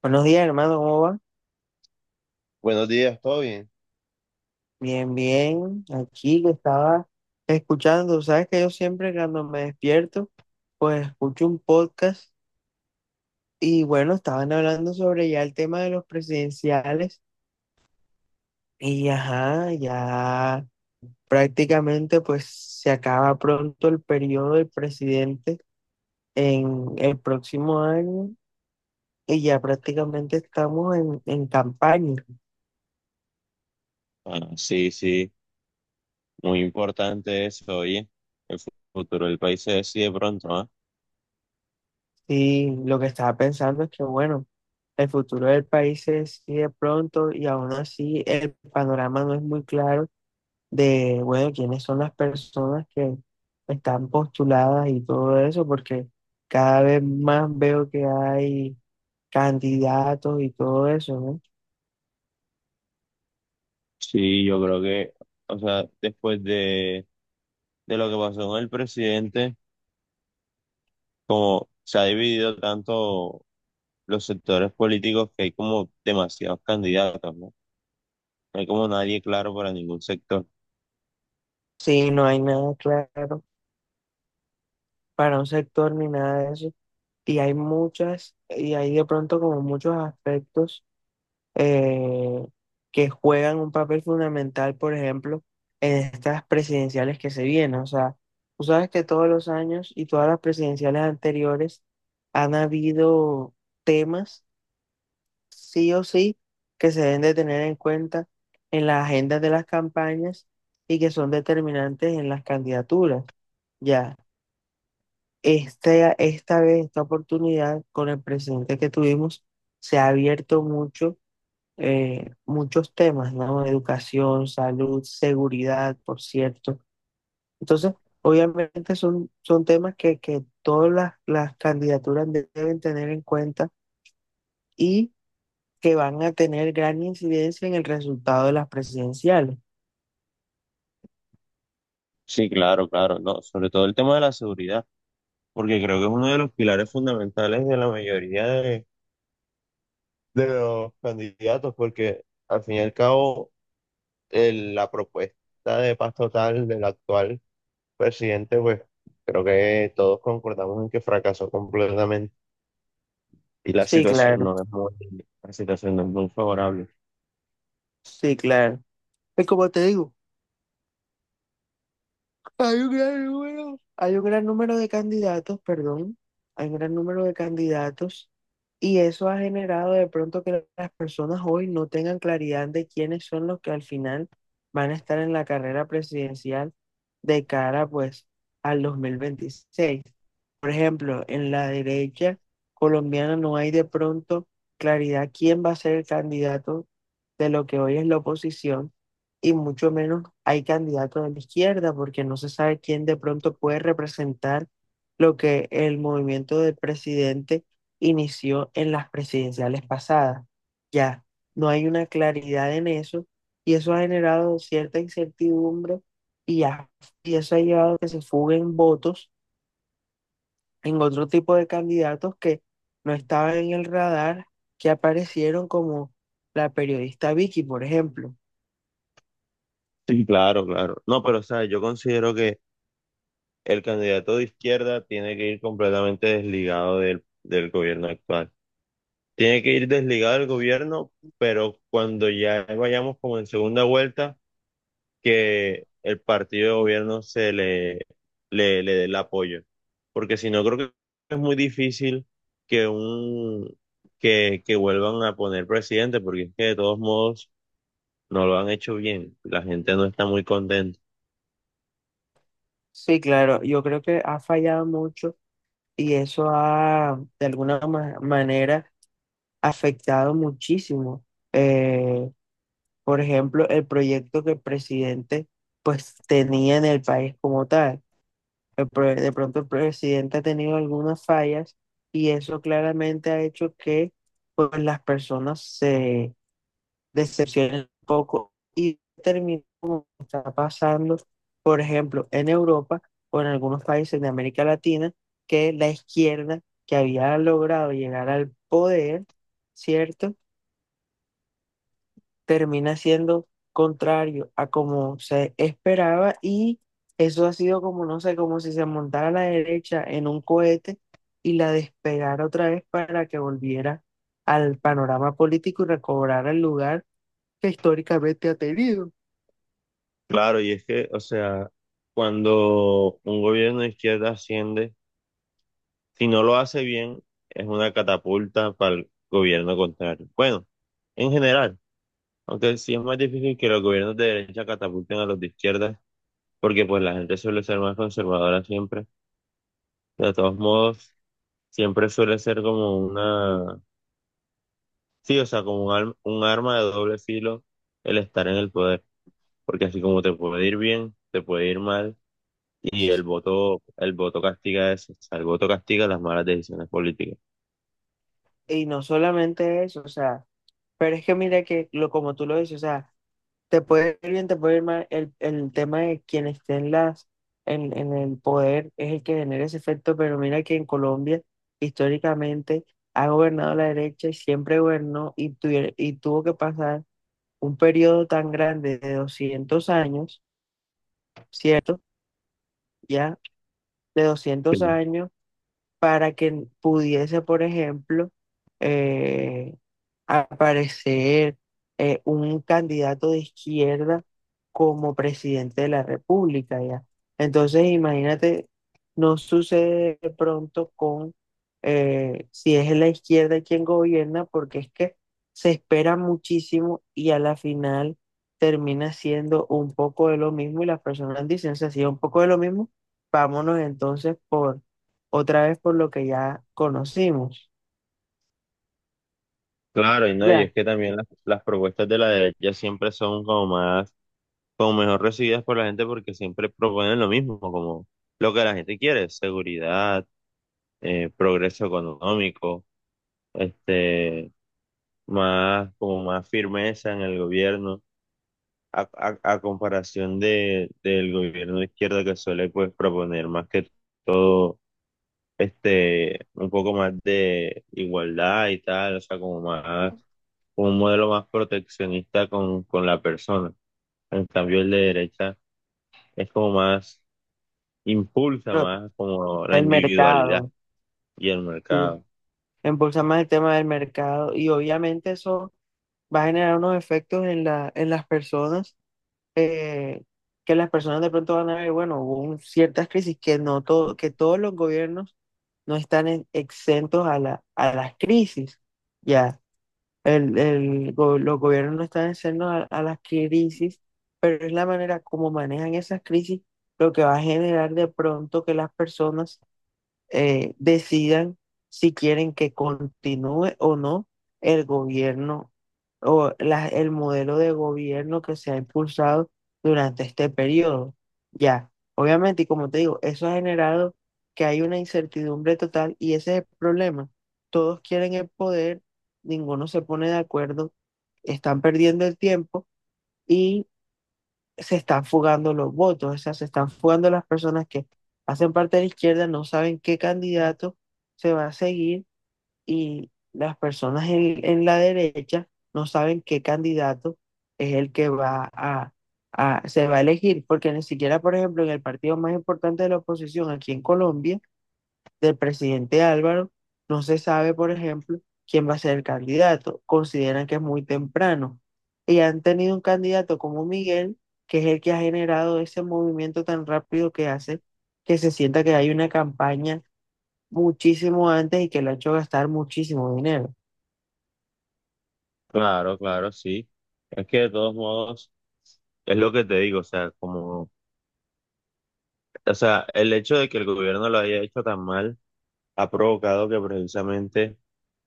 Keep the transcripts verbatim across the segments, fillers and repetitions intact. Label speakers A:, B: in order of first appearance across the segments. A: Buenos días, hermano, ¿cómo va?
B: Buenos días, ¿todo bien?
A: Bien, bien. Aquí que estaba escuchando, sabes que yo siempre cuando me despierto, pues escucho un podcast y bueno, estaban hablando sobre ya el tema de los presidenciales y ajá, ya prácticamente pues se acaba pronto el periodo del presidente en el próximo año y ya prácticamente estamos en, en campaña.
B: Ah, sí, sí, muy importante eso, oye, el fu- futuro del país se decide pronto, ¿ah?
A: Sí, lo que estaba pensando es que, bueno, el futuro del país se decide pronto y aún así el panorama no es muy claro de, bueno, quiénes son las personas que están postuladas y todo eso, porque cada vez más veo que hay candidatos y todo eso, ¿no?
B: Sí, yo creo que, o sea, después de, de lo que pasó con el presidente, como se ha dividido tanto los sectores políticos que hay como demasiados candidatos, ¿no? No hay como nadie claro para ningún sector.
A: Sí, no hay nada claro para un sector ni nada de eso. Y hay muchas, y hay de pronto como muchos aspectos eh, que juegan un papel fundamental, por ejemplo, en estas presidenciales que se vienen. O sea, tú sabes que todos los años y todas las presidenciales anteriores han habido temas, sí o sí, que se deben de tener en cuenta en las agendas de las campañas y que son determinantes en las candidaturas. Ya, este, esta vez, esta oportunidad con el presidente que tuvimos, se ha abierto mucho eh, muchos temas, ¿no? Educación, salud, seguridad, por cierto. Entonces, obviamente son, son temas que, que todas las, las candidaturas de- deben tener en cuenta y que van a tener gran incidencia en el resultado de las presidenciales.
B: Sí, claro, claro, no, sobre todo el tema de la seguridad, porque creo que es uno de los pilares fundamentales de la mayoría de los candidatos, porque al fin y al cabo el- la propuesta de paz total del actual presidente, pues creo que todos concordamos en que fracasó completamente y la
A: Sí,
B: situación
A: claro,
B: no es muy, la situación no es muy favorable.
A: sí, claro. Y como te digo, Hay un gran número, hay un gran número de candidatos, perdón, hay un gran número de candidatos y eso ha generado de pronto que las personas hoy no tengan claridad de quiénes son los que al final van a estar en la carrera presidencial de cara pues al dos mil veintiséis. Por ejemplo, en la derecha colombiana no hay de pronto claridad quién va a ser el candidato de lo que hoy es la oposición y mucho menos hay candidato de la izquierda porque no se sabe quién de pronto puede representar lo que el movimiento del presidente inició en las presidenciales pasadas. Ya, no hay una claridad en eso y eso ha generado cierta incertidumbre y, ya- y eso ha llevado a que se fuguen votos en otro tipo de candidatos que no estaban en el radar, que aparecieron como la periodista Vicky, por ejemplo.
B: Sí, claro, claro. No, pero o sea, yo considero que el candidato de izquierda tiene que ir completamente desligado del, del gobierno actual. Tiene que ir desligado del gobierno, pero cuando ya vayamos como en segunda vuelta que el partido de gobierno se le, le, le dé el apoyo. Porque si no, creo que es muy difícil que un que, que vuelvan a poner presidente, porque es que de todos modos no lo han hecho bien. La gente no está muy contenta.
A: Sí, claro, yo creo que ha fallado mucho y eso ha, de alguna ma- manera, afectado muchísimo. eh, por ejemplo, el proyecto que el presidente pues tenía en el país como tal. El pro- de pronto el presidente ha tenido algunas fallas y eso claramente ha hecho que pues las personas se decepcionen un poco y termine como está pasando, por ejemplo, en Europa o en algunos países de América Latina, que la izquierda que había logrado llegar al poder, ¿cierto? Termina siendo contrario a como se esperaba y eso ha sido como, no sé, como si se montara la derecha en un cohete y la despegara otra vez para que volviera al panorama político y recobrara el lugar que históricamente ha tenido.
B: Claro, y es que, o sea, cuando un gobierno de izquierda asciende, si no lo hace bien, es una catapulta para el gobierno contrario. Bueno, en general, aunque sí es más difícil que los gobiernos de derecha catapulten a los de izquierda, porque pues la gente suele ser más conservadora siempre. De todos modos, siempre suele ser como una, sí, o sea, como un, al- un arma de doble filo el estar en el poder, porque así como te puede ir bien, te puede ir mal, y el voto, el voto castiga eso, o sea, el voto castiga las malas decisiones políticas.
A: Y no solamente eso, o sea, pero es que mira que lo como tú lo dices, o sea, te puede ir bien, te puede ir mal, el, el tema de quien esté en las, en, en el poder es el que genera ese efecto, pero mira que en Colombia históricamente ha gobernado la derecha y siempre gobernó y, tuviera- y tuvo que pasar un periodo tan grande de doscientos años, ¿cierto? Ya, de
B: Sí.
A: doscientos años para que pudiese, por ejemplo, eh, aparecer eh, un candidato de izquierda como presidente de la República, ¿ya? Entonces, imagínate, no sucede de pronto con eh, si es la izquierda quien gobierna, porque es que se espera muchísimo y a la final termina siendo un poco de lo mismo y las personas dicen, se hacía un poco de lo mismo, vámonos entonces por otra vez por lo que ya conocimos,
B: Claro, y no, y
A: ya,
B: es que también las, las propuestas de la derecha siempre son como más, como mejor recibidas por la gente porque siempre proponen lo mismo, como lo que la gente quiere, seguridad, eh, progreso económico, este, más, como más firmeza en el gobierno, a, a- a comparación de, del gobierno de izquierda que suele pues proponer más que todo, este, un poco más de igualdad y tal, o sea, como más, como un modelo más proteccionista con, con la persona. En cambio, el de derecha es como más, impulsa
A: pero
B: más como la
A: el
B: individualidad
A: mercado,
B: y el
A: sí,
B: mercado.
A: impulsa más el tema del mercado y obviamente eso va a generar unos efectos en la, en las personas, eh, que las personas de pronto van a ver, bueno, hubo un- ciertas crisis que no todo, que todos los gobiernos no están en- exentos a la, a las crisis, ya. El, el go- los gobiernos no están haciendo a, a las crisis, pero es la manera como manejan esas crisis lo que va a generar de pronto que las personas eh, decidan si quieren que continúe o no el gobierno o la- el modelo de gobierno que se ha impulsado durante este periodo. Ya, obviamente, y como te digo, eso ha generado que hay una incertidumbre total y ese es el problema. Todos quieren el poder, ninguno se pone de acuerdo, están perdiendo el tiempo y se están fugando los votos, o sea, se están fugando las personas que hacen parte de la izquierda, no saben qué candidato se va a seguir y las personas en, en la derecha no saben qué candidato es el que va a, a- se va a elegir, porque ni siquiera, por ejemplo, en el partido más importante de la oposición aquí en Colombia, del presidente Álvaro, no se sabe, por ejemplo, quién va a ser el candidato. Consideran que es muy temprano. Y han tenido un candidato como Miguel, que es el que ha generado ese movimiento tan rápido que hace que se sienta que hay una campaña muchísimo antes y que lo ha hecho gastar muchísimo dinero.
B: Claro, claro, sí. Es que de todos modos, es lo que te digo, o sea, como, o sea, el hecho de que el gobierno lo haya hecho tan mal ha provocado que precisamente,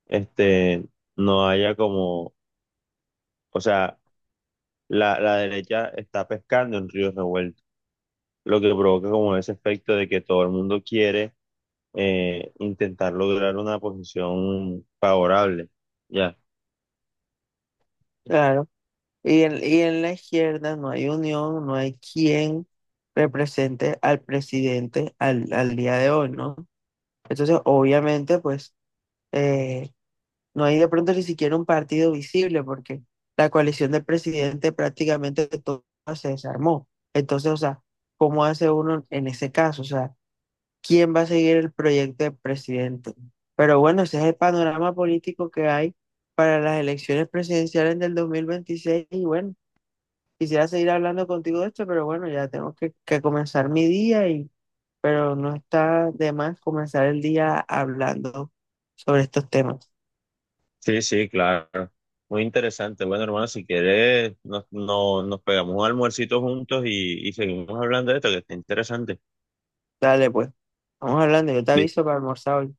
B: este, no haya como, o sea, la, la derecha está pescando en ríos revueltos, lo que provoca como ese efecto de que todo el mundo quiere eh, intentar lograr una posición favorable, ya.
A: Claro. Y en, y en la izquierda no hay unión, no hay quien represente al presidente al, al día de hoy, ¿no? Entonces, obviamente, pues eh, no hay de pronto ni siquiera un partido visible porque la coalición del presidente prácticamente toda se desarmó. Entonces, o sea, ¿cómo hace uno en ese caso? O sea, ¿quién va a seguir el proyecto del presidente? Pero bueno, ese es el panorama político que hay para las elecciones presidenciales del dos mil veintiséis y bueno, quisiera seguir hablando contigo de esto, pero bueno, ya tengo que, que comenzar mi día y pero no está de más comenzar el día hablando sobre estos temas.
B: Sí, sí, claro. Muy interesante. Bueno, hermano, si quieres, nos, no- nos pegamos un almuercito juntos y, y seguimos hablando de esto, que está interesante.
A: Dale, pues. Vamos hablando, yo te aviso para almorzar hoy.